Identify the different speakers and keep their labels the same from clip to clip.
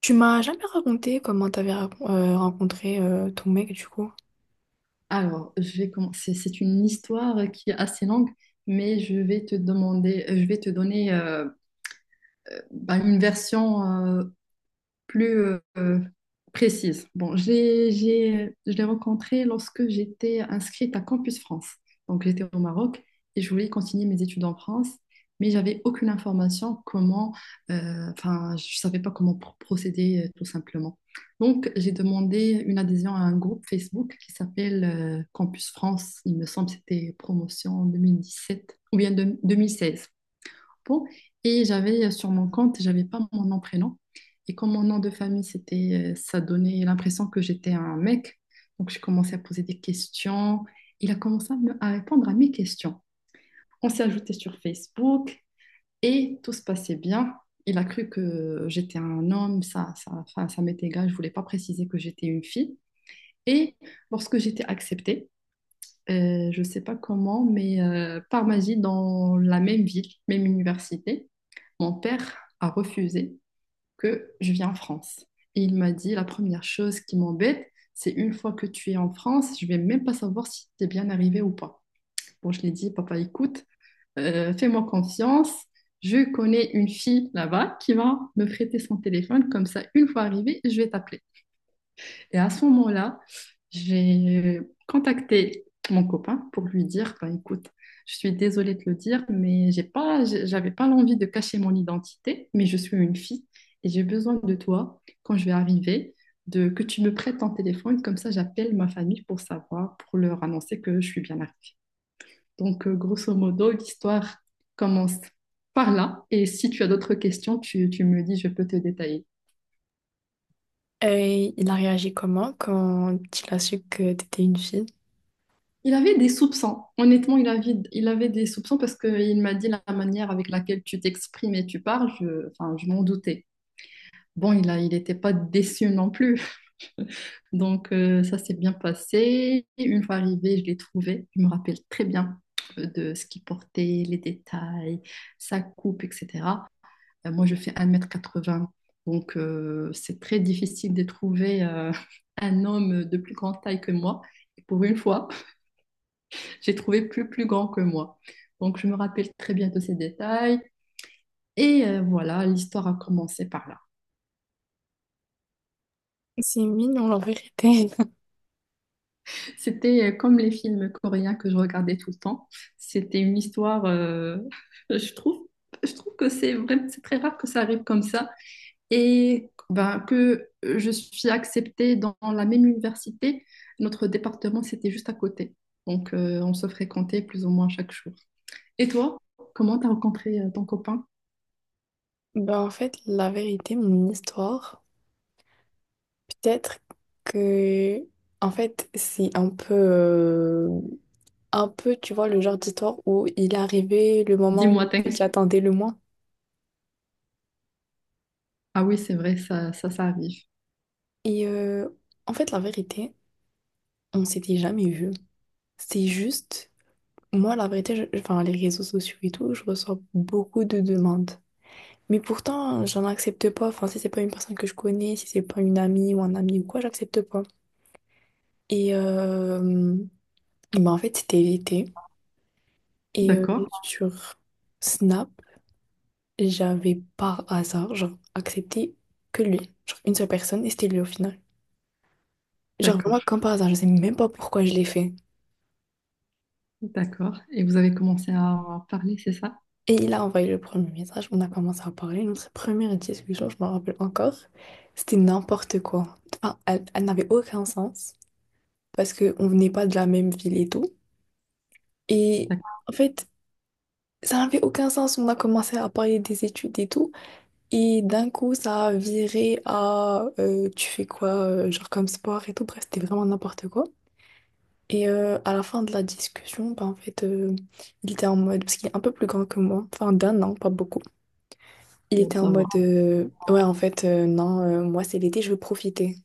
Speaker 1: Tu m'as jamais raconté comment rencontré ton mec du coup.
Speaker 2: Alors, je vais commencer. C'est une histoire qui est assez longue, mais je vais te donner bah, une version plus euh, précise. Bon, je l'ai rencontré lorsque j'étais inscrite à Campus France. Donc, j'étais au Maroc et je voulais continuer mes études en France, mais j'avais aucune information comment, enfin, je savais pas comment procéder, tout simplement. Donc, j'ai demandé une adhésion à un groupe Facebook qui s'appelle, Campus France. Il me semble que c'était promotion 2017 ou bien 2016. Bon, et j'avais, sur mon compte, j'avais pas mon nom prénom. Et comme mon nom de famille, c'était, ça donnait l'impression que j'étais un mec. Donc j'ai commencé à poser des questions. Il a commencé à répondre à mes questions. On s'est ajouté sur Facebook et tout se passait bien. Il a cru que j'étais un homme, enfin, ça m'était égal. Je ne voulais pas préciser que j'étais une fille. Et lorsque j'étais acceptée, je ne sais pas comment, mais par magie, dans la même ville, même université, mon père a refusé que je vienne en France. Et il m'a dit, la première chose qui m'embête, c'est une fois que tu es en France, je ne vais même pas savoir si tu es bien arrivé ou pas. Bon, je lui ai dit, papa, écoute, fais-moi confiance. Je connais une fille là-bas qui va me prêter son téléphone, comme ça, une fois arrivée, je vais t'appeler. Et à ce moment-là, j'ai contacté mon copain pour lui dire, ben, écoute, je suis désolée de te le dire, mais j'avais pas l'envie de cacher mon identité, mais je suis une fille et j'ai besoin de toi quand je vais arriver, de que tu me prêtes ton téléphone, comme ça j'appelle ma famille pour savoir, pour leur annoncer que je suis bien arrivée. Donc, grosso modo, l'histoire commence par là. Et si tu as d'autres questions, tu me dis, je peux te détailler.
Speaker 1: Et il a réagi comment quand il a su que t'étais une fille?
Speaker 2: Il avait des soupçons. Honnêtement, il avait des soupçons parce qu'il m'a dit la manière avec laquelle tu t'exprimes et tu parles, enfin, je m'en doutais. Bon, il n'était pas déçu non plus. Donc, ça s'est bien passé. Une fois arrivé, je l'ai trouvé. Je me rappelle très bien, de ce qu'il portait, les détails, sa coupe, etc. Moi, je fais 1,80 m. Donc, c'est très difficile de trouver, un homme de plus grande taille que moi. Et pour une fois, j'ai trouvé plus grand que moi. Donc, je me rappelle très bien de ces détails. Et voilà, l'histoire a commencé par là.
Speaker 1: C'est mignon la vérité.
Speaker 2: C'était, comme les films coréens que je regardais tout le temps. C'était une histoire, je trouve, je trouve que c'est vrai, c'est très rare que ça arrive comme ça. Et ben, que je suis acceptée dans la même université. Notre département, c'était juste à côté. Donc, on se fréquentait plus ou moins chaque jour. Et toi, comment t'as rencontré, ton copain?
Speaker 1: La vérité, mon histoire, peut-être que en fait, c'est un peu, tu vois, le genre d'histoire où il est arrivé le moment où
Speaker 2: Dis-moi, t'inquiète.
Speaker 1: j'attendais le moins.
Speaker 2: Ah oui, c'est vrai, ça arrive.
Speaker 1: Et euh, En fait, la vérité, on s'était jamais vu. C'est juste. Moi, la vérité, enfin, les réseaux sociaux et tout, je reçois beaucoup de demandes. Mais pourtant, j'en accepte pas. Enfin, si c'est pas une personne que je connais, si c'est pas une amie ou un ami ou quoi, j'accepte pas. Et euh, ben, en fait, c'était l'été. Et euh,
Speaker 2: D'accord,
Speaker 1: Sur Snap, j'avais par hasard, genre, accepté que lui. Genre, une seule personne, et c'était lui au final. Genre,
Speaker 2: d'accord,
Speaker 1: vraiment, comme par hasard, je sais même pas pourquoi je l'ai fait.
Speaker 2: d'accord. Et vous avez commencé à en parler, c'est ça?
Speaker 1: Et il a envoyé le premier message, on a commencé à parler. Notre première discussion, je m'en rappelle encore, c'était n'importe quoi. Enfin, elle, elle n'avait aucun sens parce qu'on venait pas de la même ville et tout. Et
Speaker 2: D'accord,
Speaker 1: en fait, ça n'avait aucun sens. On a commencé à parler des études et tout. Et d'un coup, ça a viré à tu fais quoi, genre comme sport et tout. Bref, c'était vraiment n'importe quoi. Et à la fin de la discussion, bah, en fait, il était en mode, parce qu'il est un peu plus grand que moi, enfin d'un an, pas beaucoup. Il
Speaker 2: bon,
Speaker 1: était en
Speaker 2: ça va.
Speaker 1: mode ouais en fait, non, moi c'est l'été je veux profiter.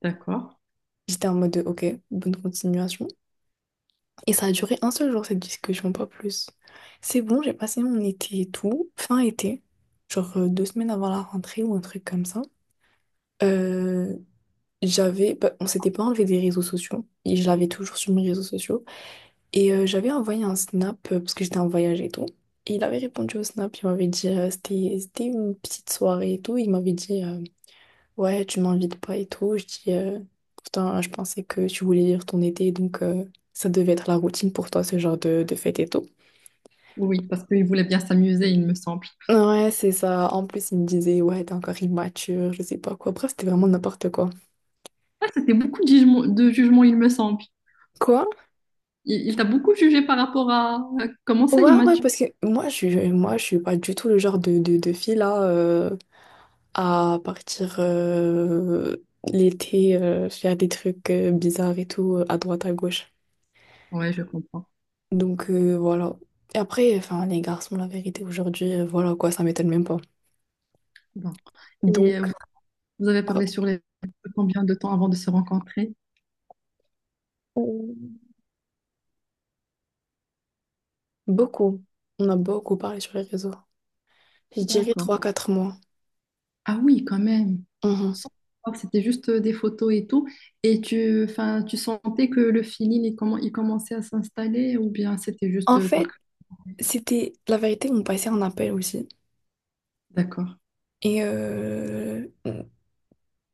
Speaker 2: D'accord.
Speaker 1: J'étais en mode ok, bonne continuation, et ça a duré un seul jour cette discussion, pas plus. C'est bon, j'ai passé mon été et tout, fin été, genre 2 semaines avant la rentrée ou un truc comme ça. Euh, J'avais bah, on s'était pas enlevé des réseaux sociaux et je l'avais toujours sur mes réseaux sociaux et j'avais envoyé un snap parce que j'étais en voyage et tout. Et il avait répondu au snap, il m'avait dit c'était une petite soirée et tout, il m'avait dit ouais, tu m'invites pas et tout. Je dis, pourtant, je pensais que tu voulais vivre ton été, donc ça devait être la routine pour toi, ce genre de fête et tout.
Speaker 2: Oui, parce qu'il voulait bien s'amuser, il me semble.
Speaker 1: Ouais, c'est ça. En plus, il me disait, ouais, t'es encore immature, je sais pas quoi. Bref, c'était vraiment n'importe quoi.
Speaker 2: C'était beaucoup de jugements, il me semble.
Speaker 1: Quoi?
Speaker 2: Il t'a beaucoup jugé par rapport à, comment ça, il
Speaker 1: Ouais,
Speaker 2: m'a
Speaker 1: ouais,
Speaker 2: tué.
Speaker 1: parce que moi, moi, je suis pas du tout le genre de fille là à partir l'été, faire des trucs bizarres et tout, à droite, à gauche.
Speaker 2: Ouais, je comprends.
Speaker 1: Donc voilà. Et après, enfin, les garçons, la vérité, aujourd'hui, voilà quoi, ça m'étonne même pas.
Speaker 2: Bon. Et vous
Speaker 1: Donc,
Speaker 2: avez
Speaker 1: euh,
Speaker 2: parlé sur les combien de temps avant de se rencontrer?
Speaker 1: beaucoup. On a beaucoup parlé sur les réseaux. Je dirais
Speaker 2: D'accord.
Speaker 1: 3 4 mois.
Speaker 2: Ah oui, quand même.
Speaker 1: Mhm.
Speaker 2: Sans savoir que c'était juste, des photos et tout. Et enfin, tu sentais que le feeling, comment il commençait à s'installer ou bien c'était juste,
Speaker 1: En
Speaker 2: par.
Speaker 1: fait, c'était la vérité, on passait un appel aussi.
Speaker 2: D'accord.
Speaker 1: Et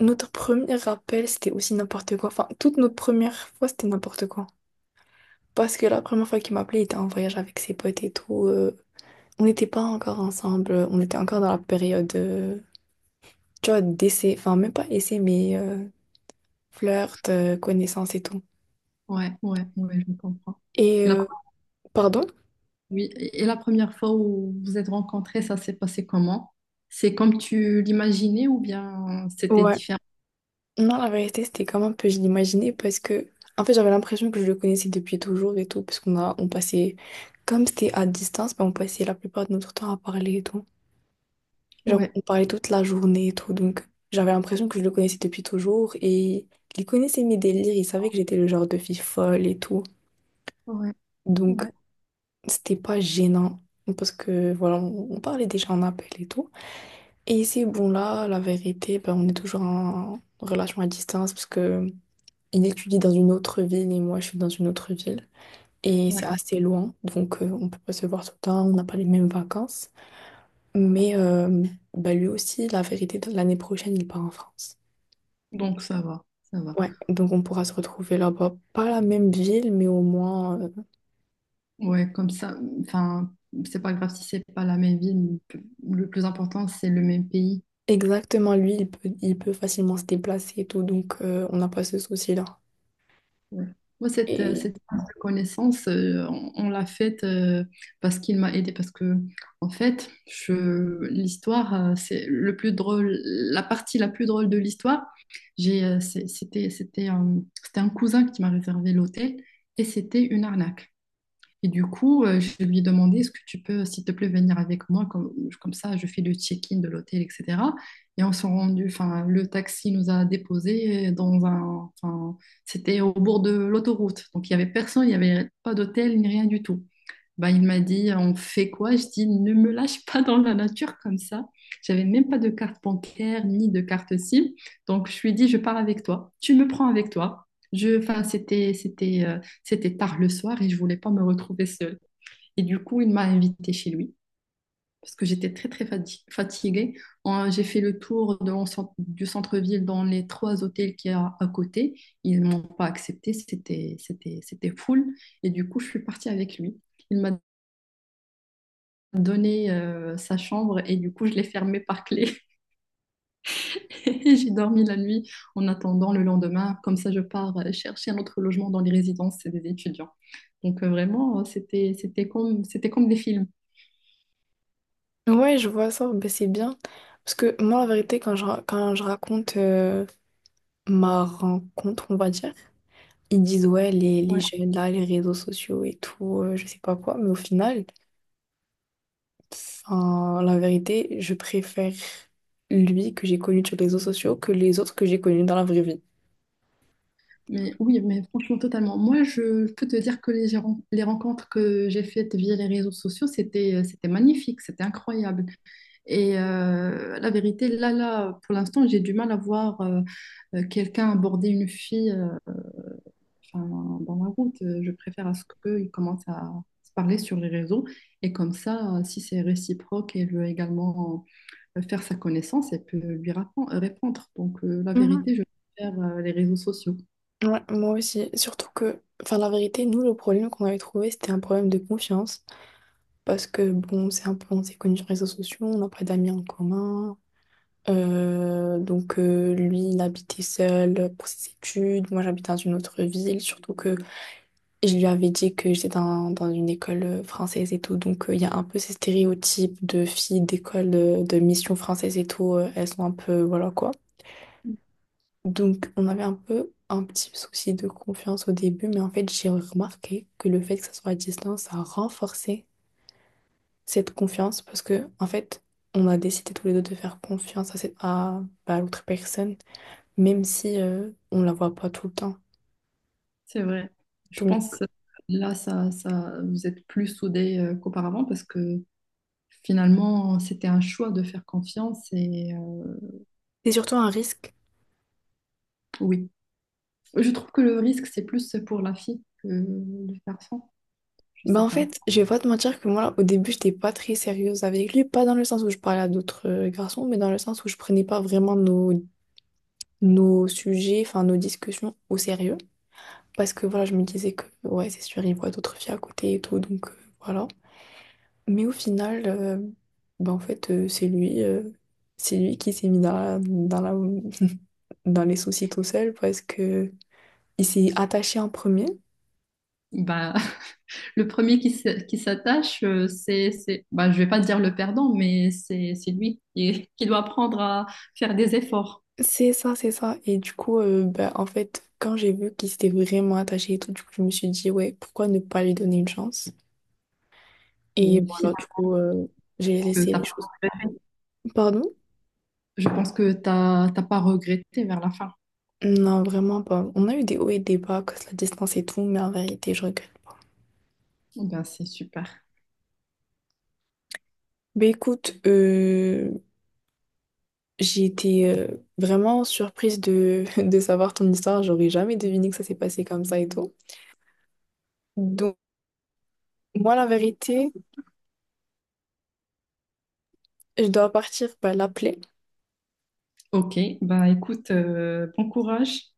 Speaker 1: notre premier appel, c'était aussi n'importe quoi. Enfin, toute notre première fois, c'était n'importe quoi. Parce que la première fois qu'il m'appelait, il était en voyage avec ses potes et tout. On n'était pas encore ensemble, on était encore dans la période. Tu vois, d'essai, enfin même pas essai, mais flirt, connaissance et tout.
Speaker 2: Ouais, ouais, ouais, je comprends.
Speaker 1: Et
Speaker 2: Et la,
Speaker 1: euh, Pardon?
Speaker 2: oui, et la première fois où vous êtes rencontrés, ça s'est passé comment? C'est comme tu l'imaginais ou bien c'était
Speaker 1: Ouais.
Speaker 2: différent?
Speaker 1: Non, la vérité, c'était comme un peu, je l'imaginais, parce que, en fait, j'avais l'impression que je le connaissais depuis toujours et tout, parce qu'on a, on passait, comme c'était à distance, ben, on passait la plupart de notre temps à parler et tout. Genre,
Speaker 2: Ouais,
Speaker 1: on parlait toute la journée et tout, donc j'avais l'impression que je le connaissais depuis toujours, et il connaissait mes délires, il savait que j'étais le genre de fille folle et tout,
Speaker 2: ouais,
Speaker 1: donc
Speaker 2: ouais,
Speaker 1: c'était pas gênant, parce que, voilà, on parlait déjà en appel et tout. Et c'est bon là, la vérité, ben, on est toujours en relation à distance parce que il étudie dans une autre ville et moi je suis dans une autre ville. Et
Speaker 2: ouais.
Speaker 1: c'est assez loin, donc on peut pas se voir tout le temps, on n'a pas les mêmes vacances. Mais ben, lui aussi, la vérité, l'année prochaine, il part en France.
Speaker 2: Donc ça va, ça va.
Speaker 1: Ouais, donc on pourra se retrouver là-bas. Pas la même ville, mais au moins
Speaker 2: Ouais, comme ça, enfin, c'est pas grave si c'est pas la même ville. Le plus important, c'est le même pays.
Speaker 1: exactement, lui, il peut facilement se déplacer et tout, donc on n'a pas ce souci-là.
Speaker 2: Ouais. Moi, cette, euh,
Speaker 1: Et
Speaker 2: cette prise de connaissance, on l'a faite, parce qu'il m'a aidé. Parce que, en fait, l'histoire, c'est le plus drôle, la partie la plus drôle de l'histoire. J'ai, c'est- c'était, c'était un cousin qui m'a réservé l'hôtel et c'était une arnaque. Et du coup, je lui ai demandé, est-ce que tu peux, s'il te plaît, venir avec moi, comme ça, je fais le check-in de l'hôtel, etc. Et on s'est rendu, enfin, le taxi nous a déposés enfin, c'était au bord de l'autoroute. Donc, il n'y avait personne, il n'y avait pas d'hôtel, ni rien du tout. Bah, il m'a dit, on fait quoi? Je dis, ne me lâche pas dans la nature comme ça. J'avais même pas de carte bancaire ni de carte SIM. Donc, je lui ai dit, je pars avec toi. Tu me prends avec toi. Enfin, c'était tard le soir et je voulais pas me retrouver seule. Et du coup, il m'a invitée chez lui parce que j'étais très, très fatiguée. J'ai fait le tour de du centre-ville dans les trois hôtels qu'il y a à côté. Ils m'ont pas accepté. C'était full. Et du coup, je suis partie avec lui. Il m'a donné, sa chambre et du coup je l'ai fermée par clé et j'ai dormi la nuit en attendant le lendemain. Comme ça, je pars, chercher un autre logement dans les résidences des étudiants. Donc, vraiment, c'était comme des films.
Speaker 1: ouais, je vois ça, ben, c'est bien. Parce que moi, en vérité, quand je, quand je raconte ma rencontre, on va dire, ils disent, ouais, les
Speaker 2: Ouais,
Speaker 1: jeunes, là, les réseaux sociaux et tout, je sais pas quoi. Mais au final, enfin, la vérité, je préfère lui que j'ai connu sur les réseaux sociaux que les autres que j'ai connus dans la vraie vie.
Speaker 2: mais oui, mais franchement totalement. Moi, je peux te dire que les rencontres que j'ai faites via les réseaux sociaux, c'était magnifique, c'était incroyable. Et la vérité, là, pour l'instant, j'ai du mal à voir, quelqu'un aborder une fille, enfin, dans la route. Je préfère à ce qu'ils commencent à se parler sur les réseaux. Et comme ça, si c'est réciproque, elle veut également, faire sa connaissance, elle peut lui répondre. Donc, la
Speaker 1: Mhm.
Speaker 2: vérité, je préfère, les réseaux sociaux.
Speaker 1: Ouais, moi aussi. Surtout que, enfin, la vérité, nous, le problème qu'on avait trouvé, c'était un problème de confiance. Parce que, bon, c'est un peu, on s'est connus sur les réseaux sociaux, on n'a pas d'amis en commun. Donc lui, il habitait seul pour ses études. Moi, j'habite dans une autre ville, surtout que je lui avais dit que j'étais dans, dans une école française et tout. Donc il y a un peu ces stéréotypes de filles d'école de, mission française et tout. Elles sont un peu, voilà quoi. Donc on avait un peu un petit souci de confiance au début, mais en fait, j'ai remarqué que le fait que ça soit à distance, ça a renforcé cette confiance parce que en fait, on a décidé tous les deux de faire confiance à, cette, à bah, à l'autre personne, même si on la voit pas tout le temps.
Speaker 2: C'est vrai. Je
Speaker 1: Donc,
Speaker 2: pense, là, vous êtes plus soudés, qu'auparavant parce que finalement, c'était un choix de faire confiance. Et
Speaker 1: c'est surtout un risque.
Speaker 2: oui, je trouve que le risque, c'est plus pour la fille que le garçon. Je
Speaker 1: Bah
Speaker 2: sais
Speaker 1: en
Speaker 2: pas.
Speaker 1: fait, je vais pas te mentir que moi, au début, j'étais pas très sérieuse avec lui, pas dans le sens où je parlais à d'autres garçons, mais dans le sens où je prenais pas vraiment nos, nos sujets, enfin nos discussions au sérieux. Parce que voilà, je me disais que ouais, c'est sûr, il voit d'autres filles à côté et tout, donc voilà. Mais au final, bah en fait, c'est lui qui s'est mis dans la, dans les soucis tout seul parce que il s'est attaché en premier.
Speaker 2: Bah. Le premier qui s'attache, bah, je vais pas dire le perdant, mais c'est lui qui, qui doit apprendre à faire des efforts.
Speaker 1: C'est ça, c'est ça. Et du coup, bah, en fait, quand j'ai vu qu'il s'était vraiment attaché et tout, du coup, je me suis dit, ouais, pourquoi ne pas lui donner une chance? Et
Speaker 2: Et
Speaker 1: voilà, du
Speaker 2: finalement,
Speaker 1: coup, j'ai
Speaker 2: que
Speaker 1: laissé
Speaker 2: t'as
Speaker 1: les
Speaker 2: pas
Speaker 1: choses. Pardon?
Speaker 2: je pense que tu t'as pas regretté vers la fin.
Speaker 1: Non, vraiment pas. On a eu des hauts et des bas, cause la distance et tout, mais en vérité, je regrette pas.
Speaker 2: Eh ben, c'est super.
Speaker 1: Mais écoute, j'ai été vraiment surprise de, de savoir ton histoire. J'aurais jamais deviné que ça s'est passé comme ça et tout. Moi, la vérité, je dois partir bah, l'appeler.
Speaker 2: Ok, bah écoute, bon courage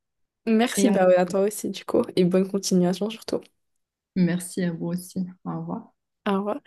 Speaker 1: Merci,
Speaker 2: et
Speaker 1: bah ouais, à toi aussi, du coup, et bonne continuation surtout.
Speaker 2: merci à vous aussi. Au revoir.
Speaker 1: Au revoir.